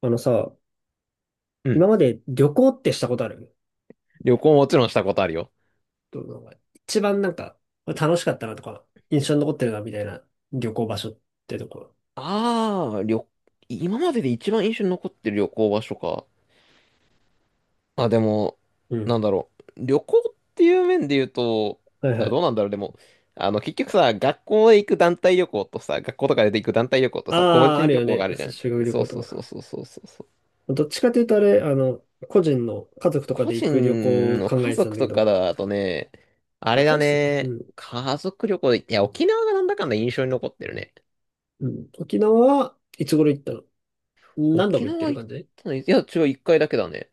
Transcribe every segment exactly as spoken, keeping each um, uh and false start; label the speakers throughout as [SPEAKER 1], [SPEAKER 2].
[SPEAKER 1] あのさ、
[SPEAKER 2] うん。
[SPEAKER 1] 今まで旅行ってしたことある？
[SPEAKER 2] 旅行もちろんしたことあるよ。
[SPEAKER 1] どう、なんか一番なんか楽しかったなとか、印象に残ってるなみたいな旅行場所ってとこ。
[SPEAKER 2] ああ、旅、今までで一番印象に残ってる旅行場所か。あ、でも、
[SPEAKER 1] うん。
[SPEAKER 2] なんだろう。旅行っていう面で言うと、
[SPEAKER 1] はい
[SPEAKER 2] あ、
[SPEAKER 1] は
[SPEAKER 2] どう
[SPEAKER 1] い。
[SPEAKER 2] なんだろう。でも、あの、結局さ、学校で行く団体旅行とさ、学校とかで行く団体旅行とさ、個
[SPEAKER 1] ああ、あ
[SPEAKER 2] 人
[SPEAKER 1] る
[SPEAKER 2] 旅
[SPEAKER 1] よ
[SPEAKER 2] 行
[SPEAKER 1] ね。
[SPEAKER 2] があるじ
[SPEAKER 1] そ
[SPEAKER 2] ゃ
[SPEAKER 1] う修学
[SPEAKER 2] ん。
[SPEAKER 1] 旅
[SPEAKER 2] そ
[SPEAKER 1] 行
[SPEAKER 2] うそう
[SPEAKER 1] と
[SPEAKER 2] そう
[SPEAKER 1] か。
[SPEAKER 2] そうそうそうそう。
[SPEAKER 1] どっちかというとあれ、あの、個人の家族とか
[SPEAKER 2] 個
[SPEAKER 1] で行く旅行
[SPEAKER 2] 人
[SPEAKER 1] を
[SPEAKER 2] の
[SPEAKER 1] 考
[SPEAKER 2] 家
[SPEAKER 1] えてたん
[SPEAKER 2] 族
[SPEAKER 1] だけ
[SPEAKER 2] とか
[SPEAKER 1] ど、
[SPEAKER 2] だとね、あ
[SPEAKER 1] まあ
[SPEAKER 2] れだ
[SPEAKER 1] 大して、う
[SPEAKER 2] ね、
[SPEAKER 1] ん。
[SPEAKER 2] 家族旅行で、いや、沖縄がなんだかんだ印象に残ってるね。
[SPEAKER 1] うん。沖縄はいつ頃行ったの？何度も
[SPEAKER 2] 沖
[SPEAKER 1] 行って
[SPEAKER 2] 縄
[SPEAKER 1] る
[SPEAKER 2] 行っ
[SPEAKER 1] 感じ？
[SPEAKER 2] たのい、いや、違う、一回だけだね。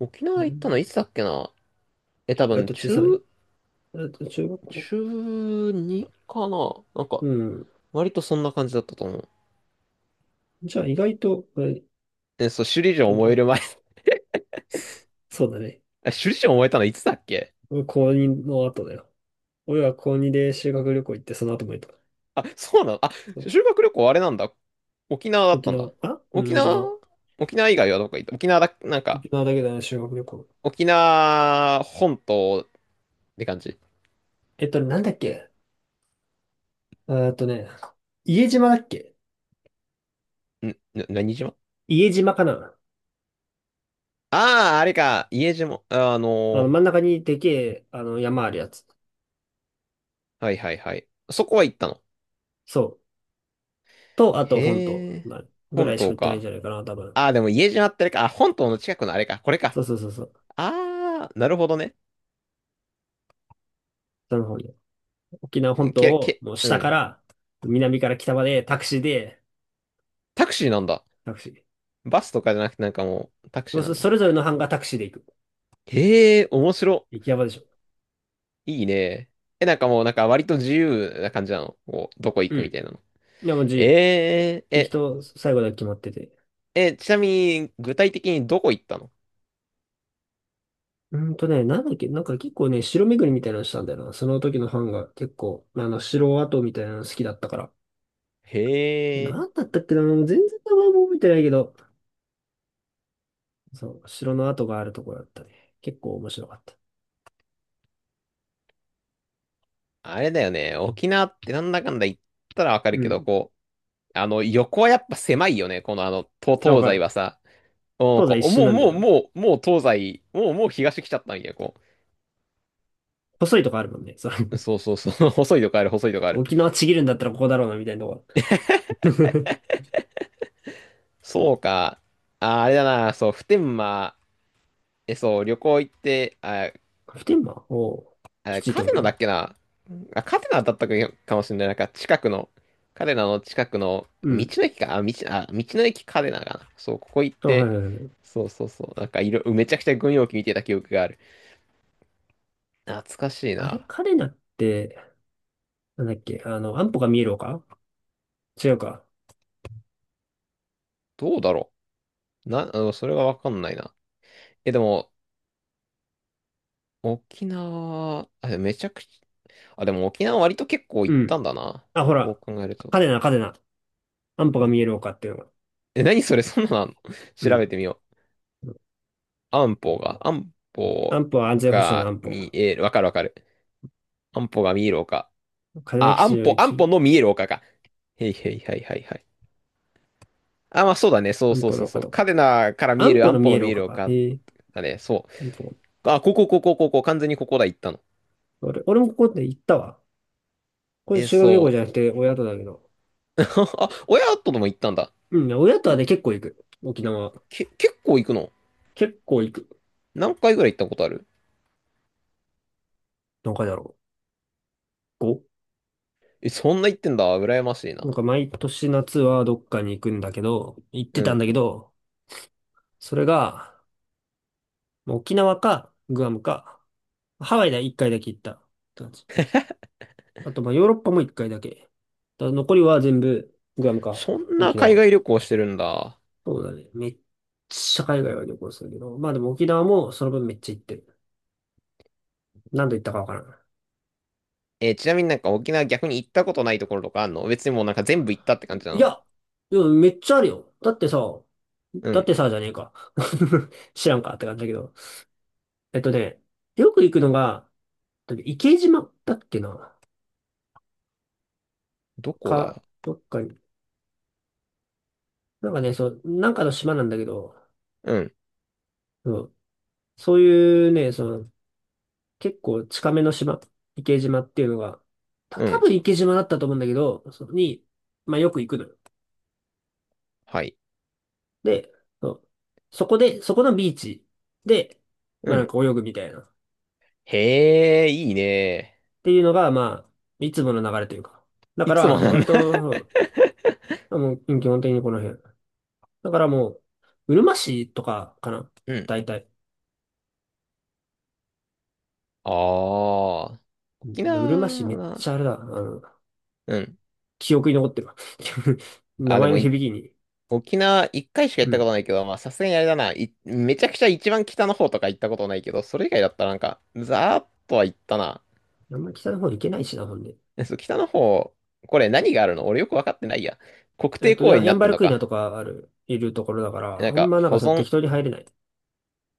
[SPEAKER 2] 沖
[SPEAKER 1] う
[SPEAKER 2] 縄行ったの
[SPEAKER 1] ん、
[SPEAKER 2] いつだっけな。え、多
[SPEAKER 1] 割
[SPEAKER 2] 分、
[SPEAKER 1] と小
[SPEAKER 2] 中、
[SPEAKER 1] さめえっと中学
[SPEAKER 2] 中
[SPEAKER 1] 校。
[SPEAKER 2] ちゅうにかななんか、
[SPEAKER 1] うん。
[SPEAKER 2] 割とそんな感じだったと思う。
[SPEAKER 1] じゃあ意外と、えっ
[SPEAKER 2] え、そう、首里城を燃える
[SPEAKER 1] と
[SPEAKER 2] 前。
[SPEAKER 1] そうだね。
[SPEAKER 2] あ、首里城を燃えたのいつだっけ。
[SPEAKER 1] 俺高にの後だよ。俺は高こうにで修学旅行行って、その後も行った。
[SPEAKER 2] あ、そうなの。あ、
[SPEAKER 1] そう、
[SPEAKER 2] 修学旅行あれなんだ。沖縄だっ
[SPEAKER 1] 沖
[SPEAKER 2] たんだ。
[SPEAKER 1] 縄、あうん、
[SPEAKER 2] 沖
[SPEAKER 1] 沖
[SPEAKER 2] 縄
[SPEAKER 1] 縄。
[SPEAKER 2] 沖縄以外はどこ行った？沖縄だ、なんか、
[SPEAKER 1] 沖縄だけだね、修学旅行。
[SPEAKER 2] 沖縄本島って感じ。
[SPEAKER 1] えっと、なんだっけ、えーっとね、家島だっけ？
[SPEAKER 2] ん、な、何島？
[SPEAKER 1] 家島かな。
[SPEAKER 2] ああー、あれか、家島。あの
[SPEAKER 1] あの、
[SPEAKER 2] ー
[SPEAKER 1] 真ん中にでけえ、あの、山あるやつ。
[SPEAKER 2] はいはいはい。そこは行ったの。
[SPEAKER 1] そう。と、あと、本島
[SPEAKER 2] へえ。
[SPEAKER 1] まあぐ
[SPEAKER 2] 本
[SPEAKER 1] らいしか
[SPEAKER 2] 島
[SPEAKER 1] 行ってないんじ
[SPEAKER 2] か。
[SPEAKER 1] ゃないかな、多分。
[SPEAKER 2] ああ、でも家島ってあれか。あ、本島の近くのあれか。これか。
[SPEAKER 1] そうそうそうそう。
[SPEAKER 2] ああ、なるほどね。
[SPEAKER 1] その方に。沖縄
[SPEAKER 2] う
[SPEAKER 1] 本
[SPEAKER 2] ん。
[SPEAKER 1] 島
[SPEAKER 2] け、
[SPEAKER 1] を、
[SPEAKER 2] け、
[SPEAKER 1] もう
[SPEAKER 2] う
[SPEAKER 1] 下か
[SPEAKER 2] ん。
[SPEAKER 1] ら、南から北まで、タクシーで、
[SPEAKER 2] タクシーなんだ。
[SPEAKER 1] タクシー。
[SPEAKER 2] バスとかじゃなくてなんかもうタクシ
[SPEAKER 1] もう
[SPEAKER 2] ーな
[SPEAKER 1] そ、
[SPEAKER 2] ん
[SPEAKER 1] そ
[SPEAKER 2] だ。
[SPEAKER 1] れぞれの班がタクシーで行く。
[SPEAKER 2] へえ、面白。
[SPEAKER 1] 行き山でしょ。
[SPEAKER 2] いいね。え、なんかもうなんか割と自由な感じなの？こう、どこ行
[SPEAKER 1] う
[SPEAKER 2] くみた
[SPEAKER 1] ん。
[SPEAKER 2] いなの。
[SPEAKER 1] でも自由。
[SPEAKER 2] えー、
[SPEAKER 1] 行き
[SPEAKER 2] え、
[SPEAKER 1] と最後だけ決まってて。
[SPEAKER 2] え、ちなみに具体的にどこ行ったの。
[SPEAKER 1] うーんとね、なんだっけ、なんか結構ね、城巡りみたいなのしたんだよな。その時のファンが結構、あの、城跡みたいなの好きだったから。
[SPEAKER 2] へえ。
[SPEAKER 1] なんだったっけな、もう全然名前も覚えてないけど、そう、城の跡があるところだったね。結構面白かった。
[SPEAKER 2] あれだよね。沖縄ってなんだかんだ言ったらわかる
[SPEAKER 1] う
[SPEAKER 2] けど、
[SPEAKER 1] ん。
[SPEAKER 2] こう、あの、横はやっぱ狭いよね。このあの、と
[SPEAKER 1] あ、わ
[SPEAKER 2] 東
[SPEAKER 1] か
[SPEAKER 2] 西は
[SPEAKER 1] る。
[SPEAKER 2] さ。うん。
[SPEAKER 1] 東西
[SPEAKER 2] こ
[SPEAKER 1] 一
[SPEAKER 2] う、
[SPEAKER 1] 瞬
[SPEAKER 2] もう、
[SPEAKER 1] なんだ
[SPEAKER 2] もう、
[SPEAKER 1] よな。
[SPEAKER 2] もう、もう東西、もう、もう東来ちゃったんや、こ
[SPEAKER 1] 細いとこあるもんね。そう。
[SPEAKER 2] う。そうそうそう。細いとこある、細いとこある。
[SPEAKER 1] 沖縄ちぎるんだったらここだろうな、みたいなとこ。
[SPEAKER 2] そうか。あ、あれだな。そう、普天間、え、そう、旅行行って、あ、
[SPEAKER 1] 普天間おう。き
[SPEAKER 2] あ
[SPEAKER 1] ついって
[SPEAKER 2] カ
[SPEAKER 1] こ
[SPEAKER 2] テナだ
[SPEAKER 1] と？
[SPEAKER 2] っけな。あ、カテナだったかもしれない。なんか、近くの、カテナの近くの、
[SPEAKER 1] う
[SPEAKER 2] 道
[SPEAKER 1] ん。
[SPEAKER 2] の駅か。あ、道、あ、道の駅カテナかな。そう、ここ行っ
[SPEAKER 1] あ、はいは
[SPEAKER 2] て、
[SPEAKER 1] いはい。
[SPEAKER 2] そうそうそう。なんか、いろ、めちゃくちゃ軍用機見てた記憶がある。懐かしい
[SPEAKER 1] あれ、
[SPEAKER 2] な。
[SPEAKER 1] 彼なって、なんだっけ、あの、安保が見える丘。違うか。
[SPEAKER 2] どうだろう。な、あの、それがわかんないな。え、でも、沖縄、あ、めちゃくちゃ、あ、でも沖縄割と結構
[SPEAKER 1] う
[SPEAKER 2] 行った
[SPEAKER 1] ん。
[SPEAKER 2] んだな、
[SPEAKER 1] あ、ほ
[SPEAKER 2] こ
[SPEAKER 1] ら、
[SPEAKER 2] う考えると。
[SPEAKER 1] カデナ、カデナ。安保が見える丘っていうのが。
[SPEAKER 2] え、何それ、そんなのあんの？
[SPEAKER 1] う
[SPEAKER 2] 調
[SPEAKER 1] ん。
[SPEAKER 2] べてみよう。安保が、安保
[SPEAKER 1] 安保は安全保障の
[SPEAKER 2] が
[SPEAKER 1] 安保。
[SPEAKER 2] 見える。わかるわかる。安保が見える丘。
[SPEAKER 1] 嘉手納
[SPEAKER 2] あ、
[SPEAKER 1] 基地
[SPEAKER 2] 安
[SPEAKER 1] の
[SPEAKER 2] 保、
[SPEAKER 1] 一
[SPEAKER 2] 安保
[SPEAKER 1] 部。
[SPEAKER 2] の見える丘か。へいへいはいはいはい。あ、まあそうだね。そう
[SPEAKER 1] 安
[SPEAKER 2] そう
[SPEAKER 1] 保
[SPEAKER 2] そ
[SPEAKER 1] の
[SPEAKER 2] う
[SPEAKER 1] 丘
[SPEAKER 2] そう。
[SPEAKER 1] とか。
[SPEAKER 2] 嘉手納から見え
[SPEAKER 1] 安
[SPEAKER 2] る
[SPEAKER 1] 保の
[SPEAKER 2] 安保
[SPEAKER 1] 見え
[SPEAKER 2] の
[SPEAKER 1] る
[SPEAKER 2] 見え
[SPEAKER 1] 丘
[SPEAKER 2] る
[SPEAKER 1] か。
[SPEAKER 2] 丘
[SPEAKER 1] へえ。
[SPEAKER 2] だね。そ
[SPEAKER 1] 安保。
[SPEAKER 2] う。あ、ここ、ここ、ここ、完全にここだ、行ったの。
[SPEAKER 1] 俺、俺もここで行ったわ。これ
[SPEAKER 2] え、
[SPEAKER 1] 修学旅行じ
[SPEAKER 2] そ
[SPEAKER 1] ゃなくて親とだけど。
[SPEAKER 2] う。あ、親とでも行ったんだ。
[SPEAKER 1] うん、親とはね、結構行く。沖縄。
[SPEAKER 2] け、結構行くの？
[SPEAKER 1] 結構行く。
[SPEAKER 2] 何回ぐらい行ったことある？
[SPEAKER 1] 何回だろう。ご、
[SPEAKER 2] え、そんな行ってんだ。羨ましいな。
[SPEAKER 1] なんか毎年夏はどっかに行くんだけど、行って
[SPEAKER 2] う
[SPEAKER 1] たん
[SPEAKER 2] ん。
[SPEAKER 1] だけど、それが、沖縄か、グアムか、ハワイでいっかいだけ行った。あと、まあ、ヨーロッパも一回だけ。だから残りは全部、グアムか、
[SPEAKER 2] そんな
[SPEAKER 1] 沖
[SPEAKER 2] 海
[SPEAKER 1] 縄。
[SPEAKER 2] 外旅行してるんだ。
[SPEAKER 1] そうだね。めっちゃ海外は旅行するけど。まあでも沖縄もその分めっちゃ行ってる。何度行ったかわからん。
[SPEAKER 2] えーちなみに、なんか沖縄逆に行ったことないところとかあんの？別にもうなんか全部行ったって感じだ
[SPEAKER 1] い
[SPEAKER 2] な。
[SPEAKER 1] や、でもめっちゃあるよ。だってさ、
[SPEAKER 2] う
[SPEAKER 1] だっ
[SPEAKER 2] ん。
[SPEAKER 1] てさ、じゃねえか。知らんかって感じだけど。えっとね、よく行くのが、池島だっけな。
[SPEAKER 2] どこ
[SPEAKER 1] か、
[SPEAKER 2] だ。
[SPEAKER 1] どっかに。なんかね、そう、なんかの島なんだけど、
[SPEAKER 2] うん。
[SPEAKER 1] うん、そういうね、その、結構近めの島、池島っていうのが、た
[SPEAKER 2] う
[SPEAKER 1] 多
[SPEAKER 2] ん。
[SPEAKER 1] 分池島だったと思うんだけど、そこに、まあよく行くのよ。
[SPEAKER 2] はい。
[SPEAKER 1] で、そう、そこで、そこのビーチで、
[SPEAKER 2] う
[SPEAKER 1] まあなん
[SPEAKER 2] ん。
[SPEAKER 1] か泳ぐみたいな。っ
[SPEAKER 2] へえ、いいね。
[SPEAKER 1] ていうのが、まあ、いつもの流れというか。だ
[SPEAKER 2] い
[SPEAKER 1] か
[SPEAKER 2] つも
[SPEAKER 1] ら、そう
[SPEAKER 2] なん
[SPEAKER 1] 割
[SPEAKER 2] だ。
[SPEAKER 1] と、そう、もう基本的にこの辺。だからもう、うるま市とかかな。
[SPEAKER 2] うん。
[SPEAKER 1] 大体。
[SPEAKER 2] ああ。
[SPEAKER 1] う
[SPEAKER 2] 沖
[SPEAKER 1] ん、うるま市めっ
[SPEAKER 2] 縄、
[SPEAKER 1] ちゃあれだ。あの、
[SPEAKER 2] うん。
[SPEAKER 1] 記憶に残ってるわ。名
[SPEAKER 2] あ、で
[SPEAKER 1] 前の
[SPEAKER 2] もい、
[SPEAKER 1] 響きに。
[SPEAKER 2] 沖縄一回しか行
[SPEAKER 1] う
[SPEAKER 2] ったこ
[SPEAKER 1] ん。
[SPEAKER 2] とないけど、まあさすがにあれだな。いめちゃくちゃ一番北の方とか行ったことないけど、それ以外だったらなんか、ざーっとは行ったな。
[SPEAKER 1] あんまり北の方行けないしな、ほんで。
[SPEAKER 2] え、そう、北の方、これ何があるの？俺よくわかってないや。国
[SPEAKER 1] えっ
[SPEAKER 2] 定
[SPEAKER 1] と、
[SPEAKER 2] 公
[SPEAKER 1] ヤ
[SPEAKER 2] 園
[SPEAKER 1] ン、
[SPEAKER 2] に
[SPEAKER 1] ヤ
[SPEAKER 2] な
[SPEAKER 1] ン
[SPEAKER 2] っ
[SPEAKER 1] バ
[SPEAKER 2] てん
[SPEAKER 1] ル
[SPEAKER 2] の
[SPEAKER 1] クイナ
[SPEAKER 2] か。
[SPEAKER 1] とかある、いるところだから、
[SPEAKER 2] な
[SPEAKER 1] あ
[SPEAKER 2] ん
[SPEAKER 1] ん
[SPEAKER 2] か、
[SPEAKER 1] まなん
[SPEAKER 2] 保
[SPEAKER 1] かその
[SPEAKER 2] 存。
[SPEAKER 1] 適当に入れない。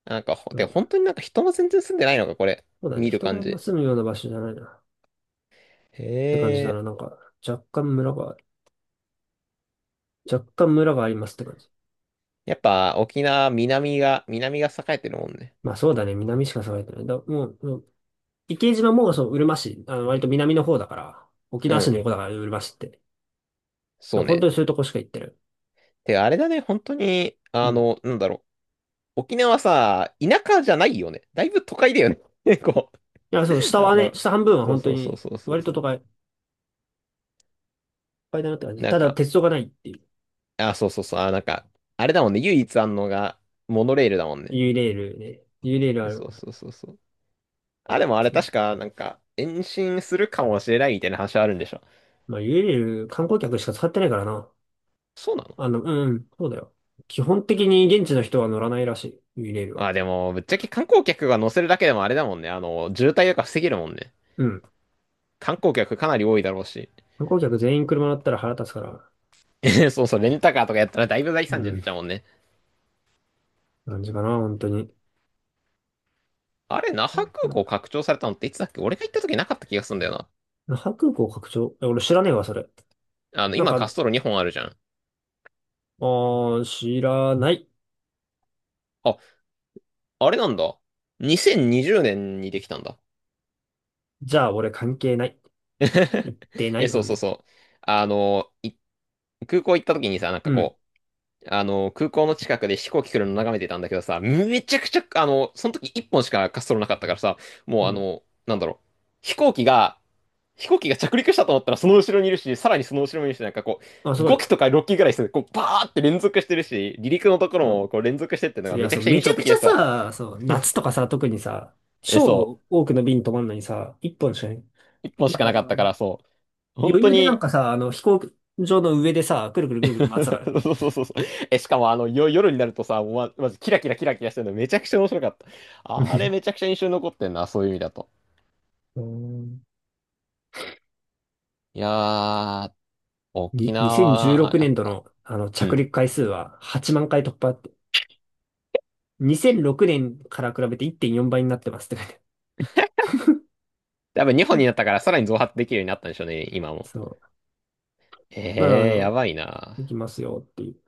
[SPEAKER 2] なんか、ほ
[SPEAKER 1] う
[SPEAKER 2] で、
[SPEAKER 1] ん。
[SPEAKER 2] 本当になんか人も全然住んでないのか、これ。
[SPEAKER 1] そうだね。
[SPEAKER 2] 見る
[SPEAKER 1] 人があ
[SPEAKER 2] 感
[SPEAKER 1] んま
[SPEAKER 2] じ。
[SPEAKER 1] 住むような場所じゃないなっ
[SPEAKER 2] へ
[SPEAKER 1] て感じだ
[SPEAKER 2] え。
[SPEAKER 1] な。なんか、若干村が、若干村がありますって感じ。
[SPEAKER 2] やっぱ、沖縄、南が、南が栄えてるもんね。
[SPEAKER 1] まあそうだね。南しか栄えてない。だ、もう、もう池島もそう、うるま市、あの、割と南の方だから、沖
[SPEAKER 2] う
[SPEAKER 1] 縄市
[SPEAKER 2] ん。
[SPEAKER 1] の横だから、うるま市って。だか
[SPEAKER 2] そ
[SPEAKER 1] ら
[SPEAKER 2] う
[SPEAKER 1] 本
[SPEAKER 2] ね。
[SPEAKER 1] 当にそういうとこしか行ってる。
[SPEAKER 2] て、あれだね、本当に、
[SPEAKER 1] う
[SPEAKER 2] あ
[SPEAKER 1] ん。
[SPEAKER 2] の、なんだろう。沖縄さ、田舎じゃないよね。だいぶ都会だよね。結構、
[SPEAKER 1] いや、そう、下
[SPEAKER 2] な
[SPEAKER 1] は
[SPEAKER 2] んだろ
[SPEAKER 1] ね、
[SPEAKER 2] う。
[SPEAKER 1] 下半分は
[SPEAKER 2] そう
[SPEAKER 1] 本当
[SPEAKER 2] そうそう
[SPEAKER 1] に、
[SPEAKER 2] そうそう
[SPEAKER 1] 割と
[SPEAKER 2] そ
[SPEAKER 1] 都
[SPEAKER 2] う。
[SPEAKER 1] 会いっぱいだなって感じ。
[SPEAKER 2] なん
[SPEAKER 1] ただ、
[SPEAKER 2] か、
[SPEAKER 1] 鉄道がないっていう。
[SPEAKER 2] あ、そうそうそう。あ、なんか、あれだもんね。唯一あんのが、モノレールだもんね。
[SPEAKER 1] ユーレールね。ユーレールある。
[SPEAKER 2] そうそうそうそう。あ、でもあれ確か、なんか、延伸するかもしれないみたいな話はあるんでしょ。
[SPEAKER 1] まあ、家でいる観光客しか使ってないからな。
[SPEAKER 2] そうなの？
[SPEAKER 1] あの、うん、そうだよ。基本的に現地の人は乗らないらしい、ユレール
[SPEAKER 2] ま
[SPEAKER 1] は。
[SPEAKER 2] あでも、ぶっちゃけ観光客が乗せるだけでもあれだもんね。あの、渋滞とか防げるもんね。
[SPEAKER 1] うん。
[SPEAKER 2] 観光客かなり多いだろうし。
[SPEAKER 1] 観光客全員車乗ったら腹立つから。
[SPEAKER 2] そうそう、レンタカーとかやったらだいぶ大
[SPEAKER 1] う
[SPEAKER 2] 惨事になっ
[SPEAKER 1] ん。
[SPEAKER 2] ちゃうもんね。
[SPEAKER 1] 感じかな、本当に。
[SPEAKER 2] あれ、那覇空
[SPEAKER 1] な、
[SPEAKER 2] 港拡張されたのっていつだっけ。俺が行った時なかった気がするんだよ
[SPEAKER 1] 那覇空港拡張？え、俺知らねえわ、それ。
[SPEAKER 2] な。あの、
[SPEAKER 1] なん
[SPEAKER 2] 今滑
[SPEAKER 1] か、
[SPEAKER 2] 走路にほんあるじゃん。
[SPEAKER 1] あー、知らない。
[SPEAKER 2] あ、あれなんだ。にせんにじゅうねんにじゅうねんにできたんだ。
[SPEAKER 1] じゃあ、俺関係ない。言っ てな
[SPEAKER 2] え、
[SPEAKER 1] い、
[SPEAKER 2] そ
[SPEAKER 1] ほ
[SPEAKER 2] う
[SPEAKER 1] ん
[SPEAKER 2] そう
[SPEAKER 1] で。
[SPEAKER 2] そう。あの、い空港行った時にさ、なん
[SPEAKER 1] う
[SPEAKER 2] か
[SPEAKER 1] ん。
[SPEAKER 2] こあの、空港の近くで飛行機来るの眺めてたんだけどさ、めちゃくちゃ、あの、その時いっぽんしか滑走路なかったからさ、も
[SPEAKER 1] う
[SPEAKER 2] うあ
[SPEAKER 1] ん。
[SPEAKER 2] の、なんだろう、飛行機が、飛行機が着陸したと思ったらその後ろにいるし、さらにその後ろにいるし、なんかこ
[SPEAKER 1] あ、す
[SPEAKER 2] う、
[SPEAKER 1] ごい
[SPEAKER 2] ご機
[SPEAKER 1] よ。
[SPEAKER 2] とかろっ機ぐらいする、こう、バーって連続してるし、離陸のところ
[SPEAKER 1] う
[SPEAKER 2] も
[SPEAKER 1] ん。
[SPEAKER 2] こう連続してっての
[SPEAKER 1] そ
[SPEAKER 2] が
[SPEAKER 1] うい
[SPEAKER 2] め
[SPEAKER 1] や、
[SPEAKER 2] ちゃ
[SPEAKER 1] そ
[SPEAKER 2] く
[SPEAKER 1] う、
[SPEAKER 2] ちゃ印
[SPEAKER 1] めち
[SPEAKER 2] 象
[SPEAKER 1] ゃく
[SPEAKER 2] 的
[SPEAKER 1] ち
[SPEAKER 2] で
[SPEAKER 1] ゃ
[SPEAKER 2] さ、
[SPEAKER 1] さ、そう、夏とかさ、特にさ、
[SPEAKER 2] え、そ
[SPEAKER 1] 超多くの便止まんのにさ、一本しかない。
[SPEAKER 2] う、いっぽんし
[SPEAKER 1] だか
[SPEAKER 2] か
[SPEAKER 1] ら
[SPEAKER 2] な
[SPEAKER 1] そ
[SPEAKER 2] かったか
[SPEAKER 1] の、
[SPEAKER 2] ら、そう。本
[SPEAKER 1] 余
[SPEAKER 2] 当
[SPEAKER 1] 裕でなん
[SPEAKER 2] に。
[SPEAKER 1] かさ、あの、飛行場の上でさ、くるくるくるくる回ってたからね。
[SPEAKER 2] そうそうそうそう。え、しかもあの、よ、夜になるとさ、もうま、まずキラキラキラキラしてるのめちゃくちゃ面白かった。あれめちゃくちゃ印象に残ってんな、そういう意味だと。
[SPEAKER 1] うん。
[SPEAKER 2] いやー、沖
[SPEAKER 1] に2016
[SPEAKER 2] 縄、やっ
[SPEAKER 1] 年度
[SPEAKER 2] ぱ、
[SPEAKER 1] の、あの
[SPEAKER 2] う
[SPEAKER 1] 着
[SPEAKER 2] ん。
[SPEAKER 1] 陸回数ははちまん回突破って。にせんろくねんから比べていってんよんばいになってますって書いて
[SPEAKER 2] 多分日
[SPEAKER 1] あ
[SPEAKER 2] 本
[SPEAKER 1] る。うん、
[SPEAKER 2] になったからさらに増発できるようになったんでしょうね、今も。
[SPEAKER 1] そう。まあ、あ
[SPEAKER 2] ええー、や
[SPEAKER 1] の、
[SPEAKER 2] ばいな。
[SPEAKER 1] 行きますよっていう。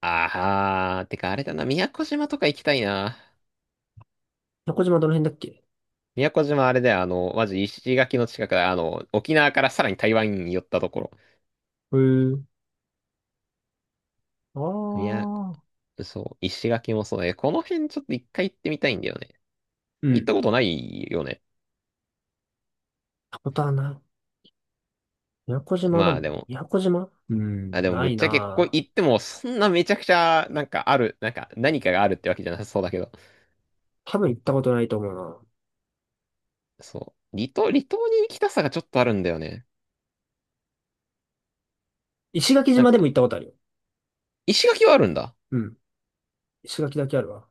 [SPEAKER 2] あー、てかあれだな、宮古島とか行きたいな。
[SPEAKER 1] 宮古島どの辺だっけ？
[SPEAKER 2] 宮古島あれだよ、あの、マジ石垣の近くだ、あの、沖縄からさらに台湾に寄ったところ。
[SPEAKER 1] へえ。あ
[SPEAKER 2] 宮
[SPEAKER 1] あ。
[SPEAKER 2] 古、そう、石垣もそうだね。この辺ちょっと一回行ってみたいんだよね。
[SPEAKER 1] うん。
[SPEAKER 2] 行っ
[SPEAKER 1] 行っ
[SPEAKER 2] たことないよね。
[SPEAKER 1] たことはない。宮古島だ
[SPEAKER 2] ま
[SPEAKER 1] も
[SPEAKER 2] あ
[SPEAKER 1] ん
[SPEAKER 2] で
[SPEAKER 1] な。
[SPEAKER 2] も、
[SPEAKER 1] 宮古島、う
[SPEAKER 2] あ、
[SPEAKER 1] ん、
[SPEAKER 2] でも
[SPEAKER 1] な
[SPEAKER 2] ぶっ
[SPEAKER 1] い
[SPEAKER 2] ちゃけここ行
[SPEAKER 1] なぁ。
[SPEAKER 2] ってもそんなめちゃくちゃなんかある、なんか何かがあるってわけじゃなさそうだけど。
[SPEAKER 1] 多分行ったことないと思うな。
[SPEAKER 2] そう。離島、離島に行きたさがちょっとあるんだよね。
[SPEAKER 1] 石垣
[SPEAKER 2] なん
[SPEAKER 1] 島でも
[SPEAKER 2] か、
[SPEAKER 1] 行ったことあるよ。
[SPEAKER 2] 石垣はあるんだ。
[SPEAKER 1] うん。石垣だけあるわ。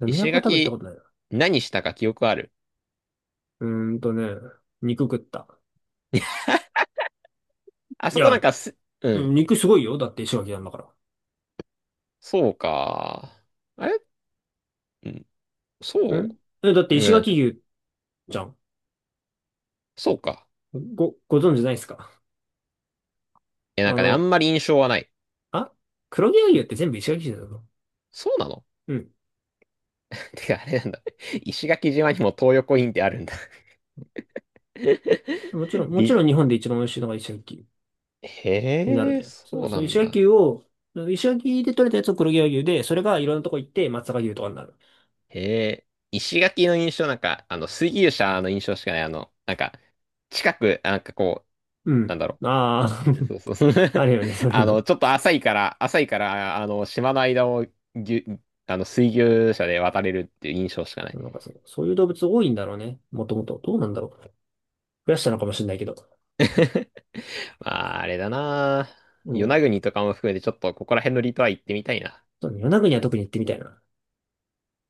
[SPEAKER 1] 都は
[SPEAKER 2] 石
[SPEAKER 1] 多分行ったこ
[SPEAKER 2] 垣、
[SPEAKER 1] とないな。
[SPEAKER 2] 何したか記憶ある。
[SPEAKER 1] うーんとね、肉食った。
[SPEAKER 2] あ
[SPEAKER 1] い
[SPEAKER 2] そこなん
[SPEAKER 1] や、
[SPEAKER 2] かす、う
[SPEAKER 1] う
[SPEAKER 2] ん。
[SPEAKER 1] ん肉すごいよ。だって石垣なんだか
[SPEAKER 2] そうか。あれ、うん。
[SPEAKER 1] ら。ん、
[SPEAKER 2] そ
[SPEAKER 1] え、だって
[SPEAKER 2] う。うん、
[SPEAKER 1] 石
[SPEAKER 2] なんか、
[SPEAKER 1] 垣牛じゃん。
[SPEAKER 2] そうか。
[SPEAKER 1] ご、ご存知ないですか？
[SPEAKER 2] え、なん
[SPEAKER 1] あ
[SPEAKER 2] かね、あ
[SPEAKER 1] の、
[SPEAKER 2] んまり印象はない。
[SPEAKER 1] あ黒毛和牛って全部石垣牛だぞ。
[SPEAKER 2] そうなの？
[SPEAKER 1] うん。
[SPEAKER 2] てか、あれなんだ。石垣島にも東横インってあるんだ。
[SPEAKER 1] もちろん、もち
[SPEAKER 2] び、
[SPEAKER 1] ろん日本で一番美味しいのが石垣牛になる
[SPEAKER 2] へえ、
[SPEAKER 1] で。そ
[SPEAKER 2] そ
[SPEAKER 1] う、
[SPEAKER 2] う
[SPEAKER 1] そ
[SPEAKER 2] な
[SPEAKER 1] う、
[SPEAKER 2] ん
[SPEAKER 1] 石垣牛
[SPEAKER 2] だ。
[SPEAKER 1] を、石垣で取れたやつを黒毛和牛で、それがいろんなとこ行って松阪牛とかになる。
[SPEAKER 2] へえ、石垣の印象なんか、あの、水牛車の印象しかない。あの、なんか、近く、なんかこう、
[SPEAKER 1] う
[SPEAKER 2] な
[SPEAKER 1] ん。
[SPEAKER 2] んだろ
[SPEAKER 1] あ
[SPEAKER 2] う。そうそうそう。
[SPEAKER 1] あ、あるよね、そういう
[SPEAKER 2] あ
[SPEAKER 1] の。
[SPEAKER 2] の、ちょっと浅いから、浅いから、あの、島の間をぎゅ、あの、水牛車で渡れるっていう印象しかない。
[SPEAKER 1] なんかそう、そういう動物多いんだろうね。もともと。どうなんだろう。増やしたのかもしれないけど。
[SPEAKER 2] まあ、あれだな。
[SPEAKER 1] う
[SPEAKER 2] 与那
[SPEAKER 1] ん、
[SPEAKER 2] 国とかも含めて、ちょっとここら辺の離島は行ってみたいな。
[SPEAKER 1] そうね、与那国は特に行ってみたいな。